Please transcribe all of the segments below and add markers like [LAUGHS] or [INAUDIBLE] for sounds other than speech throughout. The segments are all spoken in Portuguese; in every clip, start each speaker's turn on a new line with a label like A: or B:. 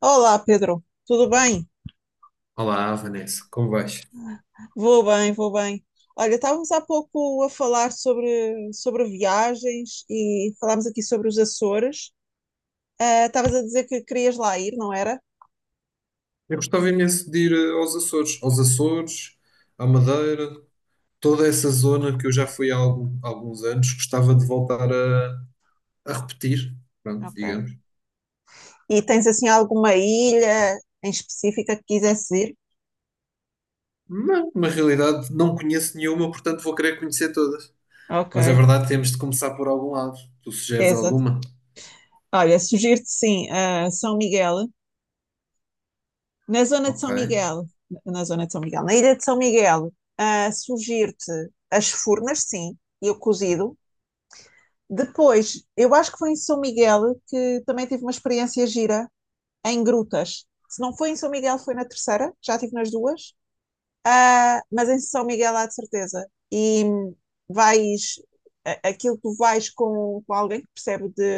A: Olá, Pedro. Tudo bem?
B: Olá, Vanessa, como vais?
A: Vou bem, vou bem. Olha, estávamos há pouco a falar sobre viagens e falámos aqui sobre os Açores. Estavas a dizer que querias lá ir, não era?
B: Eu gostava imenso de ir aos Açores, à Madeira, toda essa zona que eu já fui há alguns anos, gostava de voltar a repetir, pronto,
A: Ok.
B: digamos.
A: E tens assim alguma ilha em específica que quisesse ir?
B: Mas, na realidade, não conheço nenhuma, portanto vou querer conhecer todas.
A: Ok,
B: Mas é verdade, temos de começar por algum lado. Tu sugeres
A: exato.
B: alguma?
A: Olha, sugiro-te sim, São Miguel. Na zona de
B: Ok,
A: São Miguel, na zona de São Miguel, Na ilha de São Miguel, sugiro-te as Furnas, sim, e o cozido. Depois, eu acho que foi em São Miguel que também tive uma experiência gira em grutas. Se não foi em São Miguel, foi na terceira, já tive nas duas. Mas em São Miguel há de certeza. Vais, Aquilo tu vais com, alguém que percebe de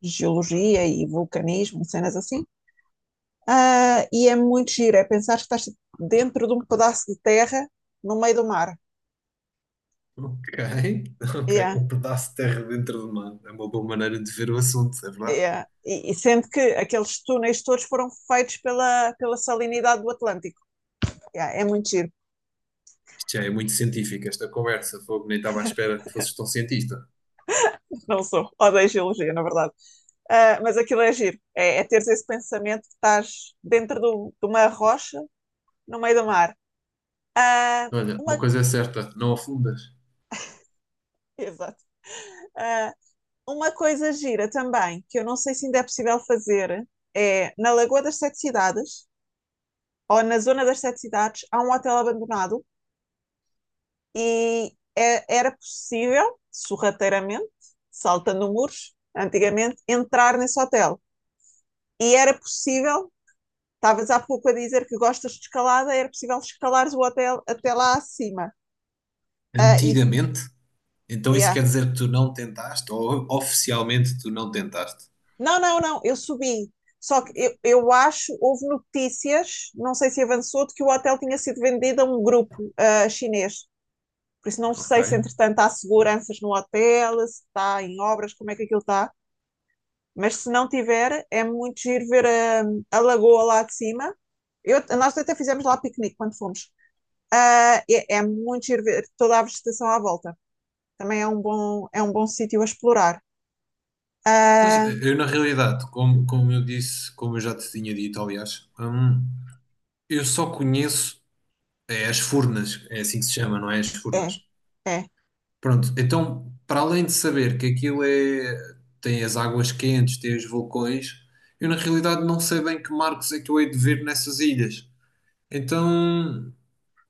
A: geologia e vulcanismo, e cenas assim. E é muito giro, é pensar que estás dentro de um pedaço de terra no meio do mar.
B: ok. [LAUGHS] Ok.
A: Yeah.
B: Um pedaço de terra dentro do mar. É uma boa maneira de ver o assunto, é verdade.
A: É, e sendo que aqueles túneis todos foram feitos pela salinidade do Atlântico. É muito giro.
B: Isto já é muito científico, esta conversa. Fogo, nem estava à espera que fosses tão cientista.
A: [LAUGHS] Não sou. Odeio geologia, na verdade. Mas aquilo é giro. É teres esse pensamento que estás dentro de uma rocha no meio do mar. Ah,
B: Olha, uma
A: uma,
B: coisa é certa, não afundas.
A: Exato. Ah, uma coisa gira também, que eu não sei se ainda é possível fazer, é na Lagoa das Sete Cidades, ou na Zona das Sete Cidades. Há um hotel abandonado e era possível, sorrateiramente, saltando muros, antigamente, entrar nesse hotel. E era possível, estavas há pouco a dizer que gostas de escalada, era possível escalares o hotel até lá acima. Uh,
B: Antigamente, então isso
A: yeah.
B: quer dizer que tu não tentaste, ou oficialmente tu não tentaste.
A: Não, não, não, eu subi. Só que eu acho, houve notícias, não sei se avançou, de que o hotel tinha sido vendido a um grupo chinês. Por isso não
B: Ok.
A: sei se, entretanto, há seguranças no hotel, se está em obras, como é que aquilo está. Mas se não tiver, é muito giro ver a lagoa lá de cima. Nós até fizemos lá piquenique quando fomos. É muito giro ver toda a vegetação à volta. Também é um bom sítio a explorar.
B: Pois,
A: Ah,
B: eu na realidade, como eu disse, como eu já te tinha dito, aliás, eu só conheço é, as furnas, é assim que se chama, não é? As
A: É,
B: furnas.
A: é.
B: Pronto, então, para além de saber que aquilo é, tem as águas quentes, tem os vulcões, eu na realidade não sei bem que marcos é que eu hei de ver nessas ilhas. Então,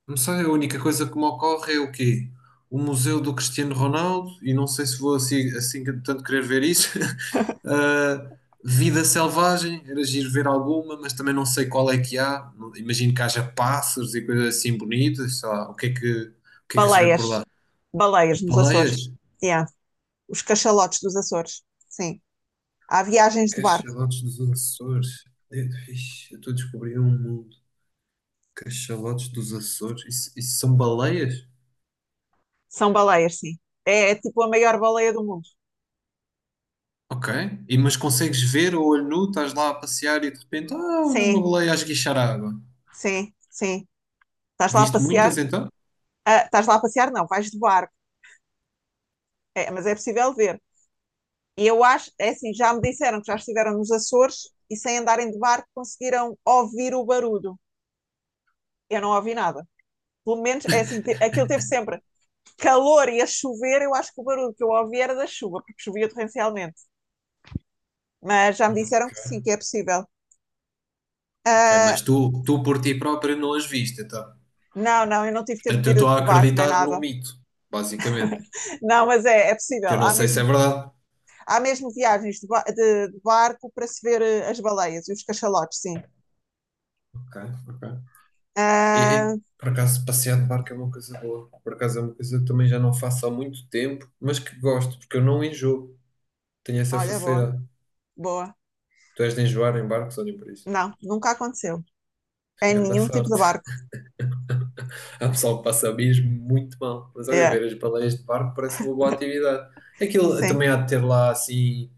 B: não sei, a única coisa que me ocorre é o quê? O Museu do Cristiano Ronaldo, e não sei se vou assim tanto querer ver isso. [LAUGHS] Ah, vida selvagem, era giro ver alguma, mas também não sei qual é que há. Imagino que haja pássaros e coisas assim bonitas, sei lá, o que é que se vê por lá?
A: Baleias. Baleias nos
B: Baleias?
A: Açores. Yeah. Os cachalotes dos Açores. Sim. Há viagens de barco.
B: Cachalotes dos Açores. Eh, ixi, eu estou a descobrir um mundo. Cachalotes dos Açores. Isso são baleias?
A: São baleias, sim. É tipo a maior baleia do mundo.
B: Ok. E, mas consegues ver a olho nu, estás lá a passear e de repente, ah, olha uma
A: Sim,
B: baleia a esguichar água.
A: sim, sim. Estás lá a
B: Viste muitas
A: passear?
B: então?
A: Estás lá a passear? Não, vais de barco. É, mas é possível ver. E eu acho, é assim, já me disseram que já estiveram nos Açores e sem andarem de barco conseguiram ouvir o barulho. Eu não ouvi nada. Pelo menos, é assim, aquilo teve sempre calor e a chover, eu acho que o barulho que eu ouvi era da chuva, porque chovia torrencialmente. Mas já me
B: Não.
A: disseram que sim, que é possível.
B: Ok,
A: Ah,
B: mas tu por ti próprio não as viste, então.
A: não, não, eu não tive tempo
B: Portanto,
A: de
B: eu estou
A: ir
B: a
A: de barco, não é
B: acreditar num
A: nada.
B: mito, basicamente.
A: Não, mas é
B: Que eu
A: possível.
B: não
A: Há
B: sei se é
A: mesmo,
B: verdade.
A: há mesmo viagens de barco para se ver as baleias e os cachalotes, sim.
B: Ok, ok. E,
A: Ah,
B: por acaso, passear de barco é uma coisa boa. Por acaso, é uma coisa que também já não faço há muito tempo, mas que gosto, porque eu não enjoo. Tenho essa
A: Olha, boa,
B: facilidade.
A: boa.
B: Tu és de enjoar em barcos, olhem por isso.
A: Não, nunca aconteceu. Em
B: Grande
A: nenhum tipo de
B: sorte.
A: barco.
B: Há pessoal que passa mesmo muito mal. Mas olha,
A: É,
B: ver as baleias de barco parece uma boa atividade. Aquilo
A: sim.
B: também há de ter lá assim,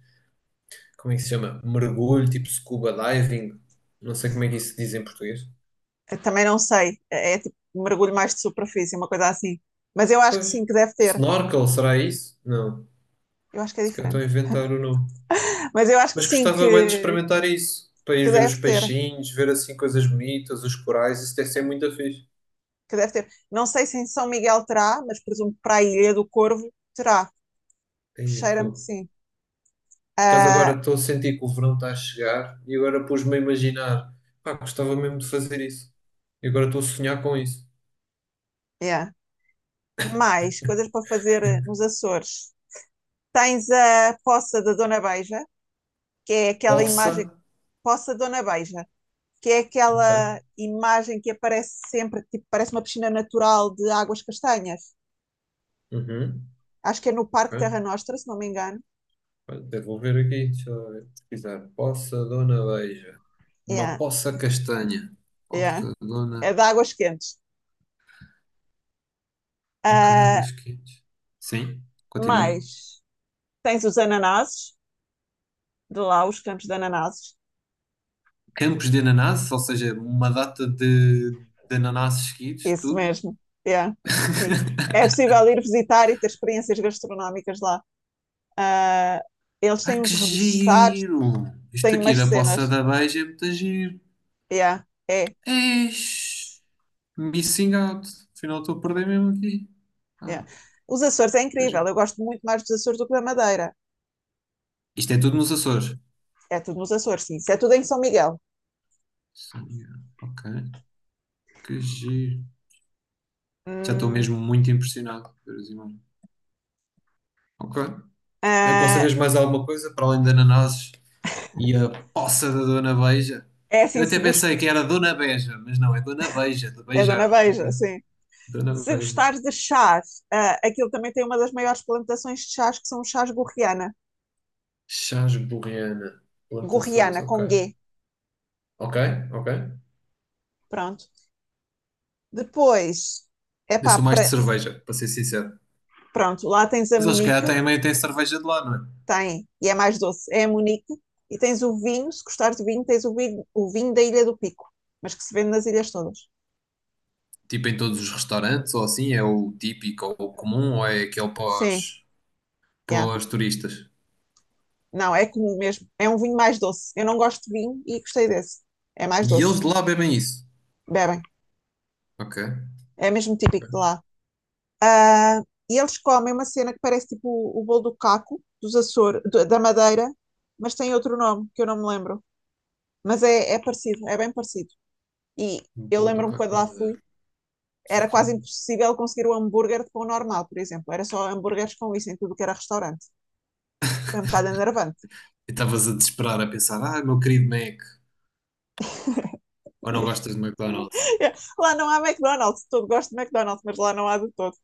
B: como é que se chama? Mergulho, tipo scuba diving. Não sei como é que isso se diz em português.
A: Eu também não sei. É tipo um mergulho mais de superfície, uma coisa assim. Mas eu acho que
B: Pois.
A: sim, que deve ter.
B: Snorkel, será isso? Não.
A: Eu acho que é
B: Se calhar estou a
A: diferente.
B: inventar o nome.
A: Mas eu acho que
B: Mas
A: sim,
B: gostava bem de
A: que,
B: experimentar isso. Para ir
A: que
B: ver os
A: deve ter.
B: peixinhos, ver assim coisas bonitas, os corais, isso deve ser muito fixe.
A: Que deve ter. Não sei se em São Miguel terá, mas presumo que para a Ilha do Corvo terá.
B: Aí,
A: Cheira-me que sim.
B: por acaso agora
A: Ah,
B: estou a sentir que o verão está a chegar e agora pus-me a imaginar, pá, gostava mesmo de fazer isso. E agora estou a sonhar com isso.
A: yeah. Mais coisas para fazer nos Açores. Tens a Poça da Dona Beija, que é aquela
B: Poça,
A: imagem. Poça da Dona Beija. Que é
B: ok,
A: aquela imagem que aparece sempre, tipo, parece uma piscina natural de águas castanhas.
B: uhum,
A: Acho que é no
B: ok.
A: Parque Terra Nostra, se não me engano.
B: Olha, até vou ver aqui, deixa eu ver, pesquisar. Poça Dona Beija. Uma
A: É,
B: poça castanha.
A: é.
B: Poça
A: É
B: Dona...
A: de águas quentes.
B: Ok,
A: Ah,
B: águas quentes. Sim, continua.
A: mas tens os ananases, de lá, os campos de ananases.
B: Campos de ananás, ou seja, uma data de ananás seguidos,
A: Isso
B: tudo.
A: mesmo. É, sim. É possível ir visitar e ter experiências gastronómicas lá. Ah, Eles
B: Ah,
A: têm uns
B: que
A: reboçados,
B: giro! Isto
A: têm
B: aqui
A: umas
B: da Poça
A: cenas.
B: da Beija é muito giro.
A: É, é,
B: Eish, missing out. Afinal, estou a perder mesmo aqui. Ah,
A: é. Os Açores é
B: que
A: incrível.
B: giro.
A: Eu gosto muito mais dos Açores do que da Madeira.
B: Isto é tudo nos Açores.
A: É tudo nos Açores, sim. Isso é tudo em São Miguel.
B: São Miguel. Ok, que giro. Já estou
A: Hum,
B: mesmo muito impressionado por ver as imagens. Ok.
A: ah,
B: Aconselhas mais alguma coisa para além de ananases e a poça da Dona Beija?
A: É
B: Eu
A: assim,
B: até
A: se gost...
B: pensei que era Dona Beja, mas não, é Dona Beija, de
A: É Dona
B: beijar. Ok,
A: Beija, sim.
B: Dona
A: Se
B: Beija.
A: gostares de chás, aquilo também tem uma das maiores plantações de chás, que são os chás gorriana.
B: Chás Borreana. Plantações,
A: Gorriana,
B: ok.
A: com G.
B: Ok, ok.
A: Pronto. Depois, é
B: Eu
A: pá,
B: sou mais de
A: pra...
B: cerveja, para ser sincero.
A: Pronto, lá tens a
B: Mas eles, se calhar,
A: Munique.
B: também têm cerveja de lá, não é?
A: Tem, e é mais doce, é a Munique. E tens o vinho, se gostares de vinho, tens o vinho da Ilha do Pico, mas que se vende nas ilhas todas.
B: Tipo em todos os restaurantes, ou assim, é o típico ou o comum, ou é aquele
A: Sim, yeah.
B: pós turistas.
A: Não, é comum mesmo. É um vinho mais doce. Eu não gosto de vinho e gostei desse. É mais
B: E
A: doce.
B: eles de lá bebem isso.
A: Bebem.
B: Ok.
A: É mesmo típico de lá. Ah, e eles comem uma cena que parece tipo o bolo do caco, dos Açores, da Madeira, mas tem outro nome que eu não me lembro. Mas é parecido, é bem parecido. E
B: Um
A: eu
B: bolo do
A: lembro-me
B: Caco
A: quando
B: da
A: lá fui,
B: Madeira.
A: era
B: Ok.
A: quase
B: E
A: impossível conseguir o hambúrguer de pão normal, por exemplo. Era só hambúrgueres com isso em tudo que era restaurante. Foi um bocado enervante.
B: estavas a desesperar, a pensar, ah, meu querido Mac,
A: [LAUGHS]
B: ou não
A: E-
B: gostas de McDonald's?
A: Lá não há McDonald's, todo gosto de McDonald's, mas lá não há de todo.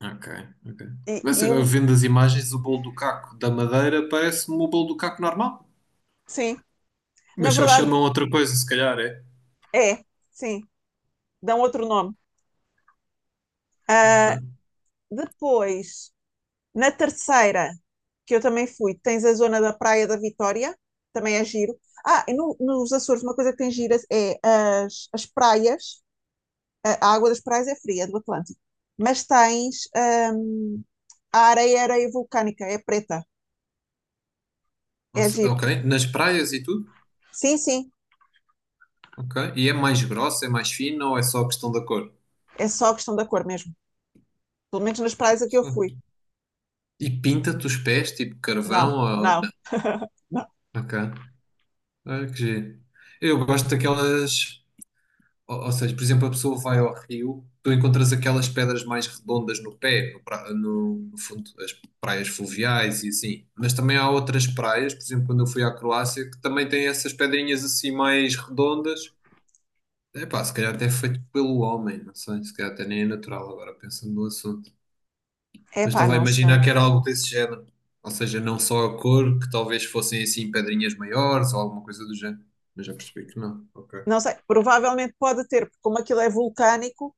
B: Ok, ok. Mas
A: E
B: eu
A: uma
B: vendo as imagens, o bolo do Caco da Madeira parece-me o bolo do Caco normal.
A: Sim, na
B: Mas só
A: verdade
B: chamam outra coisa, se calhar, é.
A: é, sim, dão outro nome. Ah,
B: Ok.
A: Depois, na terceira, que eu também fui, tens a zona da Praia da Vitória, também é giro. Nos Açores, uma coisa que tem gira é as praias. A água das praias é fria, do Atlântico, mas tens a areia, areia vulcânica, é preta,
B: Não
A: é
B: sei-
A: giro.
B: Ok. Nas praias e tudo?
A: Sim, sim,
B: Ok. E é mais grossa, é mais fina ou é só questão da cor? [LAUGHS]
A: é só questão da cor mesmo. Pelo menos nas praias a que eu
B: Só.
A: fui.
B: E pinta-te os pés, tipo
A: Não,
B: carvão ou...
A: não,
B: Não.
A: não.
B: Ok. Olha que giro. Eu gosto daquelas... ou seja, por exemplo, a pessoa vai ao rio, tu encontras aquelas pedras mais redondas no pé, no fundo, as praias fluviais e assim. Mas também há outras praias, por exemplo, quando eu fui à Croácia, que também têm essas pedrinhas assim mais redondas. Epá, se calhar até é feito pelo homem, não sei, se calhar até nem é natural agora, pensando no assunto. Mas
A: Epá,
B: estava a
A: não
B: imaginar
A: sei.
B: que era algo desse género. Ou seja, não só a cor, que talvez fossem assim pedrinhas maiores ou alguma coisa do género. Mas já percebi que não. Ok,
A: Não sei, provavelmente pode ter, porque como aquilo é vulcânico,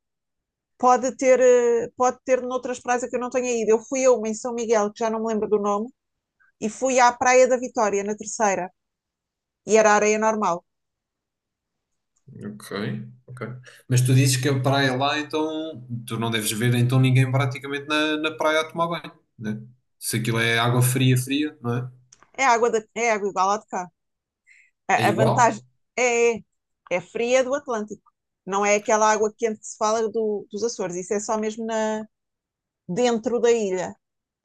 A: pode ter noutras praias que eu não tenha ido. Eu fui a uma em São Miguel, que já não me lembro do nome, e fui à Praia da Vitória, na terceira, e era areia normal.
B: ok, ok. Mas tu dizes que a praia é lá, então tu não deves ver então ninguém praticamente na praia a tomar banho, né? Se aquilo é água fria, fria, não é?
A: É água igual à de cá.
B: É
A: A vantagem
B: igual?
A: é, é, é fria do Atlântico. Não é aquela água quente que se fala dos Açores. Isso é só mesmo dentro da ilha.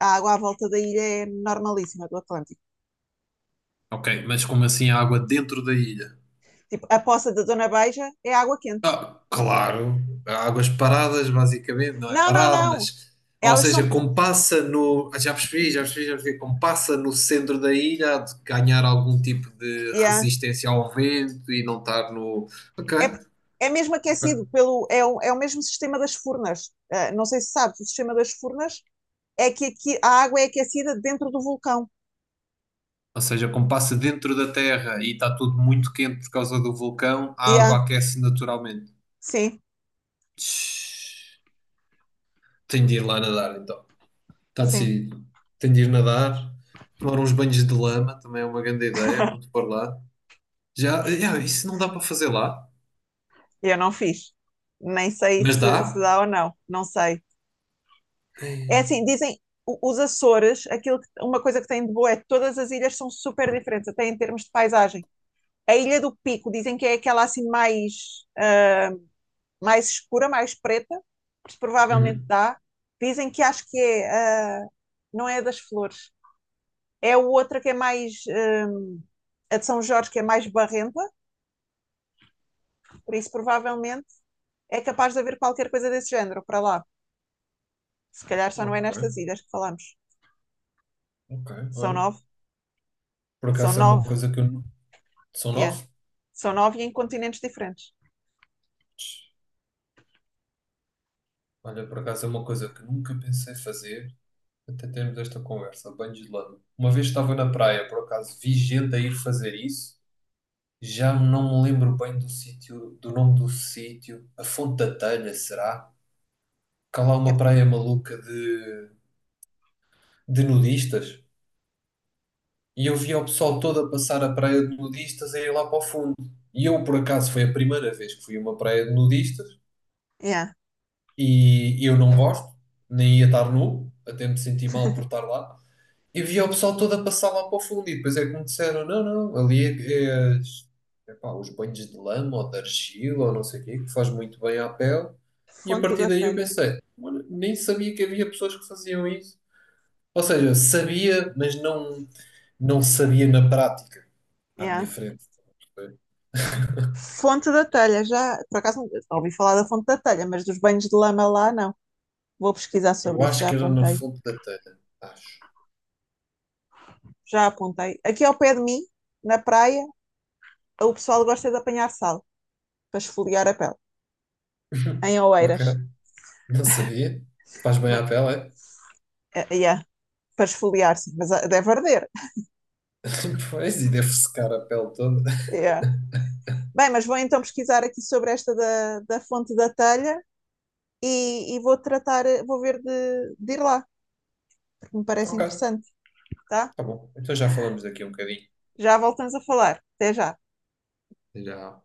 A: A água à volta da ilha é normalíssima do Atlântico.
B: Ok, mas como assim a água dentro da ilha?
A: Tipo, a poça da Dona Beija é água quente.
B: Ah, claro, águas paradas, basicamente, não é
A: Não, não,
B: parado,
A: não.
B: mas. Ou
A: Elas
B: seja,
A: são
B: como passa no. Ah, já percebi, já percebi, já percebi. Como passa no centro da ilha, há de ganhar algum tipo de
A: Yeah.
B: resistência ao vento e não estar no. Ok,
A: É, por- É mesmo aquecido
B: ok.
A: é o mesmo sistema das furnas. Não sei se sabes, o sistema das furnas é que aqui a água é aquecida dentro do vulcão.
B: Ou seja, como passa dentro da terra e está tudo muito quente por causa do vulcão, a
A: Yeah.
B: água aquece naturalmente.
A: Sim,
B: Tch, tenho de ir lá nadar, então. Está
A: sim.
B: decidido. Tenho de ir nadar, tomar uns banhos de lama, também é uma grande ideia, quando for lá. Já, yeah, isso não dá para fazer lá,
A: Eu não fiz. Nem sei
B: mas
A: se
B: dá.
A: dá ou não. Não sei. É
B: Ei,
A: assim, dizem os Açores, uma coisa que tem de boa é que todas as ilhas são super diferentes, até em termos de paisagem. A Ilha do Pico dizem que é aquela assim mais escura, mais preta. Mas provavelmente
B: uhum.
A: dá. Dizem que acho que não é a das flores. É a outra que é mais, a de São Jorge, que é mais barrenta, por isso provavelmente é capaz de haver qualquer coisa desse género para lá. Se calhar só não é nestas
B: Ok,
A: ilhas que falamos.
B: ok,
A: São
B: olha.
A: nove?
B: Por
A: São
B: acaso é uma
A: nove,
B: coisa que São
A: yeah.
B: nove?
A: São nove e em continentes diferentes.
B: Olha, por acaso é uma coisa que nunca pensei fazer até termos esta conversa. Banho de lama. Uma vez estava na praia, por acaso vi gente a ir fazer isso. Já não me lembro bem do sítio, do nome do sítio. A Fonte da Telha, será? Cá lá
A: É-
B: uma praia maluca de nudistas. E eu via o pessoal todo a passar a praia de nudistas a ir lá para o fundo. E eu, por acaso, foi a primeira vez que fui a uma praia de nudistas
A: yeah.
B: e eu não gosto, nem ia estar nu, até me senti mal por estar lá. E via o pessoal todo a passar lá para o fundo e depois é que me disseram, não, não, ali é, epá, os banhos de lama ou de argila ou não sei o quê, que faz muito bem à pele. E a
A: Fonte
B: partir
A: da
B: daí eu
A: telha.
B: pensei, "Mano, nem sabia que havia pessoas que faziam isso. Ou seja, sabia, mas não sabia na prática à minha
A: Yeah.
B: frente.
A: Fonte da telha, já. Por acaso ouvi falar da fonte da telha, mas dos banhos de lama lá, não. Vou pesquisar
B: Eu
A: sobre isso,
B: acho
A: já
B: que era no
A: apontei.
B: fundo da telha. Acho.
A: Aqui ao pé de mim, na praia, o pessoal gosta de apanhar sal para esfoliar a pele.
B: [LAUGHS]
A: Em
B: Ok.
A: Oeiras.
B: Não sabia. Faz bem
A: Mas,
B: à pele, é?
A: yeah, para esfoliar, sim, mas deve arder.
B: [LAUGHS] Pois, e deve secar a pele toda.
A: Yeah. Bem, mas vou então pesquisar aqui sobre esta da fonte da telha e vou ver de ir lá, porque me parece
B: Ok,
A: interessante, tá?
B: tá bom. Então já falamos daqui a um bocadinho.
A: Já voltamos a falar. Até já.
B: Já.